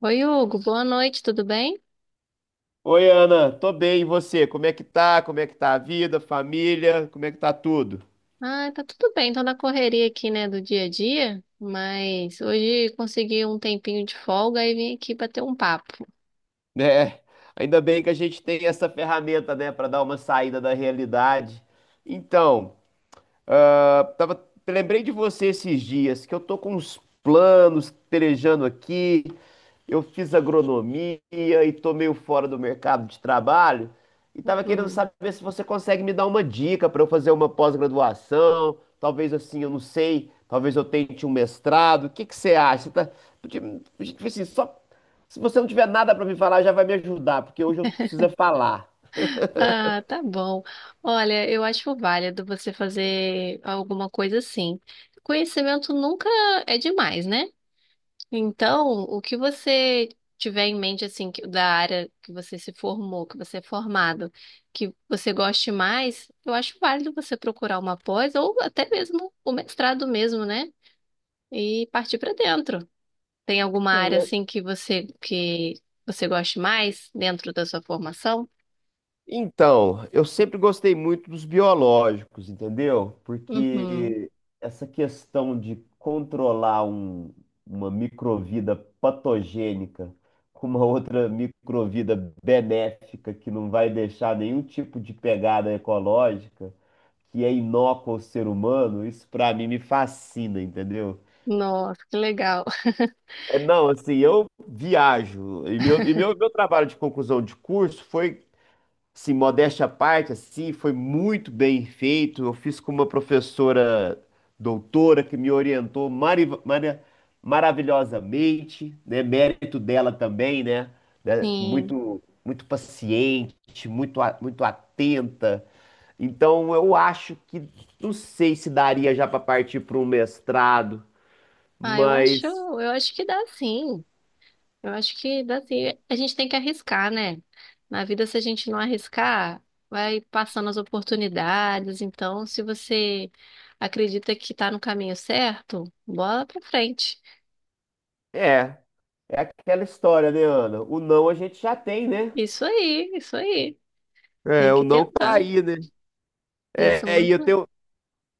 Oi, Hugo, boa noite, tudo bem? Oi, Ana, tô bem, e você? Como é que tá? Como é que tá a vida, família? Como é que tá tudo? Ah, tá tudo bem, tô na correria aqui, né, do dia a dia, mas hoje consegui um tempinho de folga e vim aqui bater um papo. Né? Ainda bem que a gente tem essa ferramenta, né, para dar uma saída da realidade. Então, Ah, tava, lembrei de você esses dias, que eu tô com uns planos pelejando aqui. Eu fiz agronomia e tô meio fora do mercado de trabalho. E tava querendo Uhum. saber se você consegue me dar uma dica para eu fazer uma pós-graduação. Talvez assim, eu não sei. Talvez eu tente um mestrado. O que que você acha? Você Tá, tipo assim, só, se você não tiver nada para me falar, já vai me ajudar, porque hoje eu preciso é falar. Ah, tá bom. Olha, eu acho válido você fazer alguma coisa assim. Conhecimento nunca é demais, né? Então, o que você tiver em mente, assim, da área que você se formou, que você é formado, que você goste mais, eu acho válido você procurar uma pós ou até mesmo o mestrado mesmo, né? E partir para dentro. Tem alguma área, Sim. assim, que você goste mais dentro da sua formação? Então, eu sempre gostei muito dos biológicos, entendeu? Uhum. Porque essa questão de controlar uma microvida patogênica com uma outra microvida benéfica que não vai deixar nenhum tipo de pegada ecológica, que é inócua ao ser humano, isso pra mim me fascina, entendeu? Nossa, que legal. É, não, assim, eu viajo. Meu trabalho de conclusão de curso foi, sim, modéstia à parte, assim, foi muito bem feito. Eu fiz com uma professora doutora que me orientou maravilhosamente, né? Mérito dela também, né? Né? Sim. Muito, muito paciente, muito atenta. Então, eu acho que não sei se daria já para partir para um mestrado, Ah, eu acho, mas eu acho que dá sim. Eu acho que assim, a gente tem que arriscar, né? Na vida, se a gente não arriscar, vai passando as oportunidades. Então, se você acredita que tá no caminho certo, bola pra frente. é, é aquela história, né, Ana? O não a gente já tem, né? Isso aí, isso aí. Tem É, o que não tá tentar. aí, né? Isso é É, e eu muito. Tenho,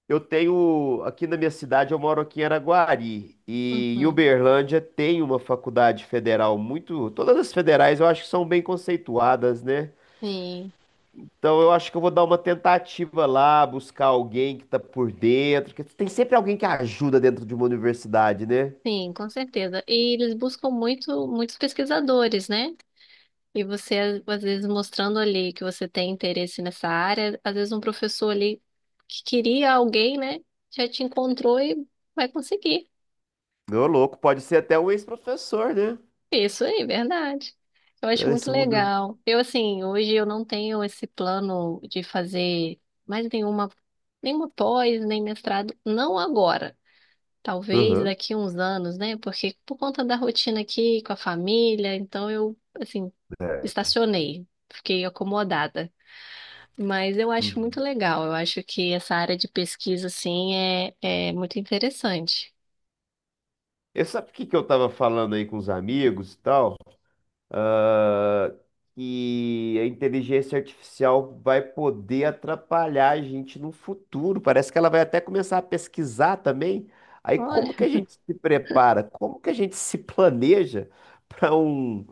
Eu tenho, aqui na minha cidade, eu moro aqui em Araguari, e em Uhum. Uberlândia tem uma faculdade federal muito, todas as federais eu acho que são bem conceituadas, né? Sim, Então eu acho que eu vou dar uma tentativa lá, buscar alguém que tá por dentro, porque tem sempre alguém que ajuda dentro de uma universidade, né? sim, com certeza. E eles buscam muito, muitos pesquisadores, né? E você, às vezes, mostrando ali que você tem interesse nessa área, às vezes um professor ali que queria alguém, né, já te encontrou e vai conseguir. Meu louco, pode ser até um ex-professor, né? Isso aí, verdade. Eu acho muito Nesse mundo. legal. Eu, assim, hoje eu não tenho esse plano de fazer mais nenhuma, nenhuma pós, nem mestrado, não agora. Talvez Aham. daqui uns anos, né? Porque por conta da rotina aqui com a família, então eu, assim, É. estacionei, fiquei acomodada. Mas eu acho muito Uhum. legal. Eu acho que essa área de pesquisa, assim, é muito interessante. Eu sabe o que que eu tava falando aí com os amigos e tal? Ah, que a inteligência artificial vai poder atrapalhar a gente no futuro. Parece que ela vai até começar a pesquisar também. Aí Olha, como que a gente se prepara? Como que a gente se planeja para um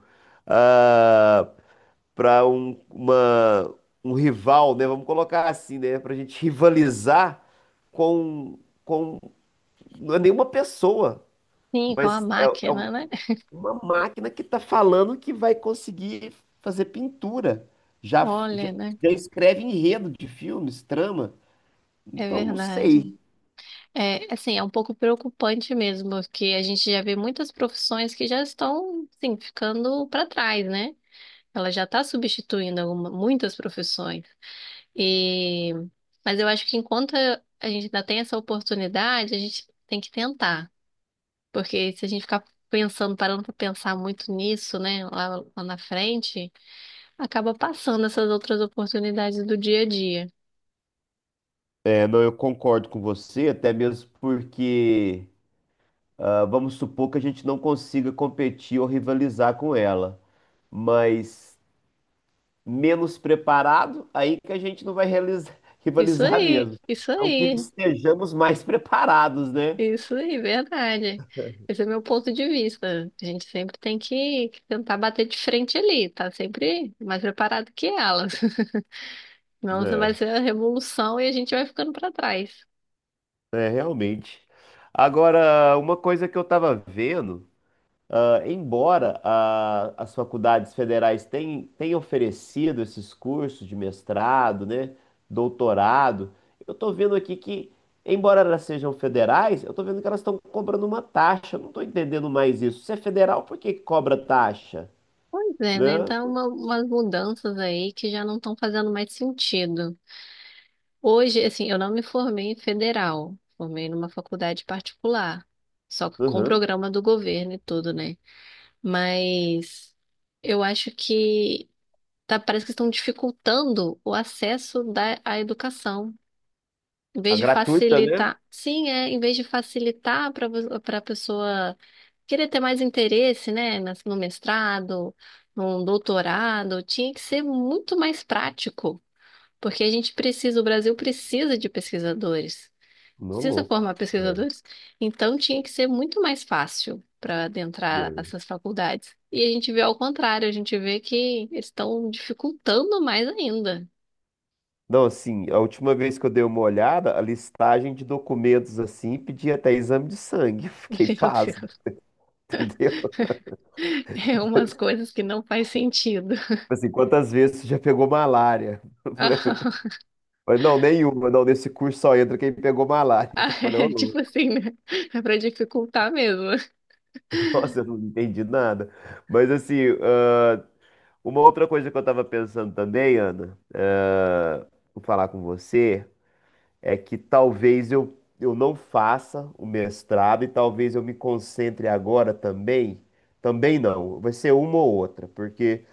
para um, uma- um rival, né? Vamos colocar assim, né? Para a gente rivalizar com com não é nenhuma pessoa, sim, com a mas é, é máquina, né? uma máquina que está falando que vai conseguir fazer pintura. Já, já, Olha, né? já escreve enredo de filmes, trama. É Então, não verdade. sei. É, assim, é um pouco preocupante mesmo, porque a gente já vê muitas profissões que já estão, assim, ficando para trás, né? Ela já está substituindo muitas profissões. E... Mas eu acho que enquanto a gente ainda tem essa oportunidade, a gente tem que tentar. Porque se a gente ficar pensando, parando para pensar muito nisso, né, lá na frente, acaba passando essas outras oportunidades do dia a dia. É, não, eu concordo com você, até mesmo porque ah, vamos supor que a gente não consiga competir ou rivalizar com ela. Mas menos preparado, aí que a gente não vai Isso rivalizar aí, mesmo. isso Então, que aí, estejamos mais preparados, né? isso aí, verdade. Esse é meu ponto de vista. A gente sempre tem que tentar bater de frente ali, tá sempre mais preparado que elas. Senão você vai ser a revolução e a gente vai ficando para trás. É, realmente. Agora, uma coisa que eu estava vendo, embora as faculdades federais tenham oferecido esses cursos de mestrado, né, doutorado, eu estou vendo aqui que, embora elas sejam federais, eu estou vendo que elas estão cobrando uma taxa. Eu não estou entendendo mais isso. Se é federal, por que que cobra taxa? Pois é, né? Né? Então, umas mudanças aí que já não estão fazendo mais sentido. Hoje, assim, eu não me formei em federal, formei numa faculdade particular, só que com Uhum. programa do governo e tudo, né? Mas eu acho que tá, parece que estão dificultando o acesso à educação. Em A vez de gratuita, né? facilitar, sim, é, em vez de facilitar para a pessoa querer ter mais interesse, né, no mestrado, no doutorado, tinha que ser muito mais prático, porque a gente precisa, o Brasil precisa de pesquisadores. Não, Precisa louco. formar É. pesquisadores? Então tinha que ser muito mais fácil para adentrar É. essas faculdades. E a gente vê ao contrário, a gente vê que eles estão dificultando mais ainda. Não, assim, a última vez que eu dei uma olhada, a listagem de documentos, assim, pedia até exame de sangue. Fiquei Meu pasmo, Deus, entendeu? Tipo é umas coisas que não faz sentido. assim, quantas vezes você já pegou malária? Eu falei, mas não, nenhuma. Não, nesse curso só entra quem pegou malária. Ah, Então eu falei, ô, é tipo louco, assim, né? É para dificultar mesmo. nossa, eu não entendi nada. Mas, assim, ah, uma outra coisa que eu tava pensando também, Ana, ah, vou falar com você, é que talvez eu não faça o mestrado e talvez eu me concentre agora também. Também não, vai ser uma ou outra, porque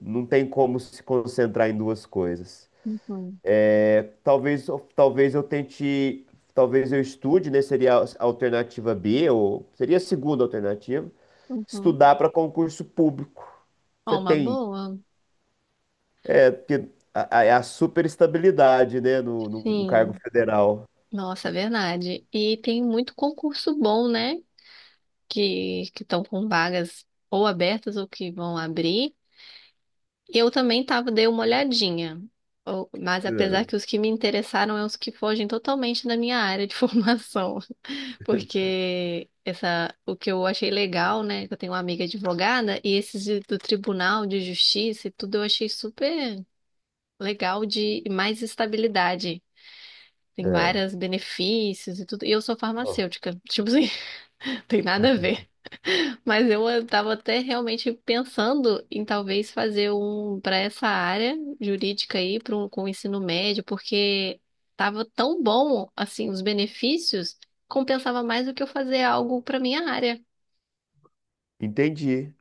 não tem como se concentrar em duas coisas. Uhum, É, talvez, talvez eu tente, talvez eu estude, né? Seria a alternativa B, ou seria a segunda alternativa, uhum. estudar para concurso público. Ó, Você uma tem, boa? é porque é a super, né, no cargo Sim. federal. Nossa, é verdade. E tem muito concurso bom, né? Que estão com vagas ou abertas ou que vão abrir. Eu também tava, dei uma olhadinha, mas apesar que os que me interessaram é os que fogem totalmente da minha área de formação, porque essa, o que eu achei legal, né, que eu tenho uma amiga advogada, e esses do Tribunal de Justiça e tudo eu achei super legal de e mais estabilidade. É, Tem é. vários benefícios e tudo. E eu sou farmacêutica. Tipo assim, tem nada a ver. Mas eu estava até realmente pensando em talvez fazer um para essa área jurídica aí, para um, com o ensino médio, porque estava tão bom assim os benefícios, compensava mais do que eu fazer algo para minha área. Entendi,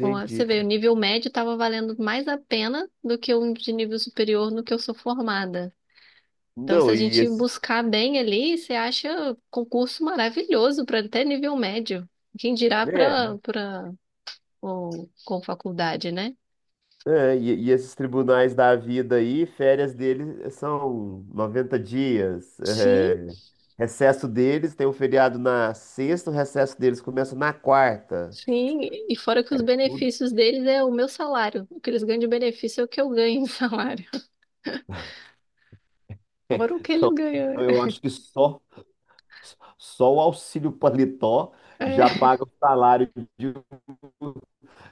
Bom, você vê, o nível médio estava valendo mais a pena do que um de nível superior no que eu sou formada. Então, se Não, a e gente esse, buscar bem ali, você acha concurso maravilhoso para até nível médio. Quem dirá é, para com faculdade, né? é, e esses tribunais da vida aí, férias deles eh, são 90 dias. Sim, É, recesso deles tem um feriado na sexta, o recesso deles começa na quarta. sim. E fora que os Então, benefícios deles é o meu salário. O que eles ganham de benefício é o que eu ganho de salário. Fora o que eles então, ganham. eu acho que só, só o auxílio paletó É já é paga o salário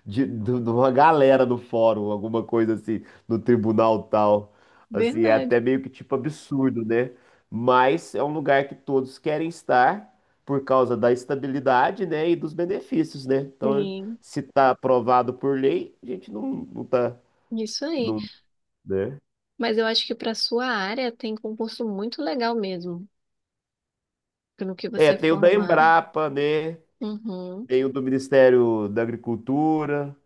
de uma galera no fórum, alguma coisa assim, no tribunal tal. Assim, é verdade. até meio que tipo absurdo, né? Mas é um lugar que todos querem estar por causa da estabilidade, né, e dos benefícios, né? Então, Sim, se está aprovado por lei, a gente não, não tá, isso aí. não, né? Mas eu acho que para sua área tem concurso muito legal mesmo, pelo que É, você é tem o da formado. Embrapa, né? Uhum, Tem o do Ministério da Agricultura,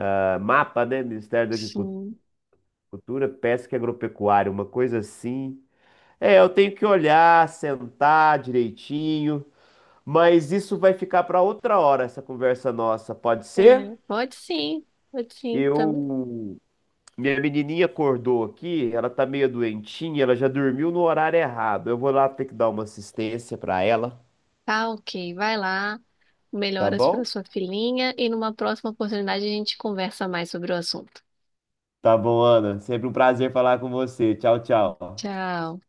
ah, MAPA, né? Ministério da Agricultura, sim. Pesca e Agropecuária, uma coisa assim. É, eu tenho que olhar, sentar direitinho, mas isso vai ficar para outra hora, essa conversa nossa, pode ser? É, pode sim também. Eu. Minha menininha acordou aqui, ela tá meio doentinha, ela já dormiu no horário errado. Eu vou lá ter que dar uma assistência para ela, Tá, ok. Vai lá, tá melhoras para bom? sua filhinha e numa próxima oportunidade a gente conversa mais sobre o assunto. Tá bom, Ana. Sempre um prazer falar com você. Tchau, tchau. Tchau.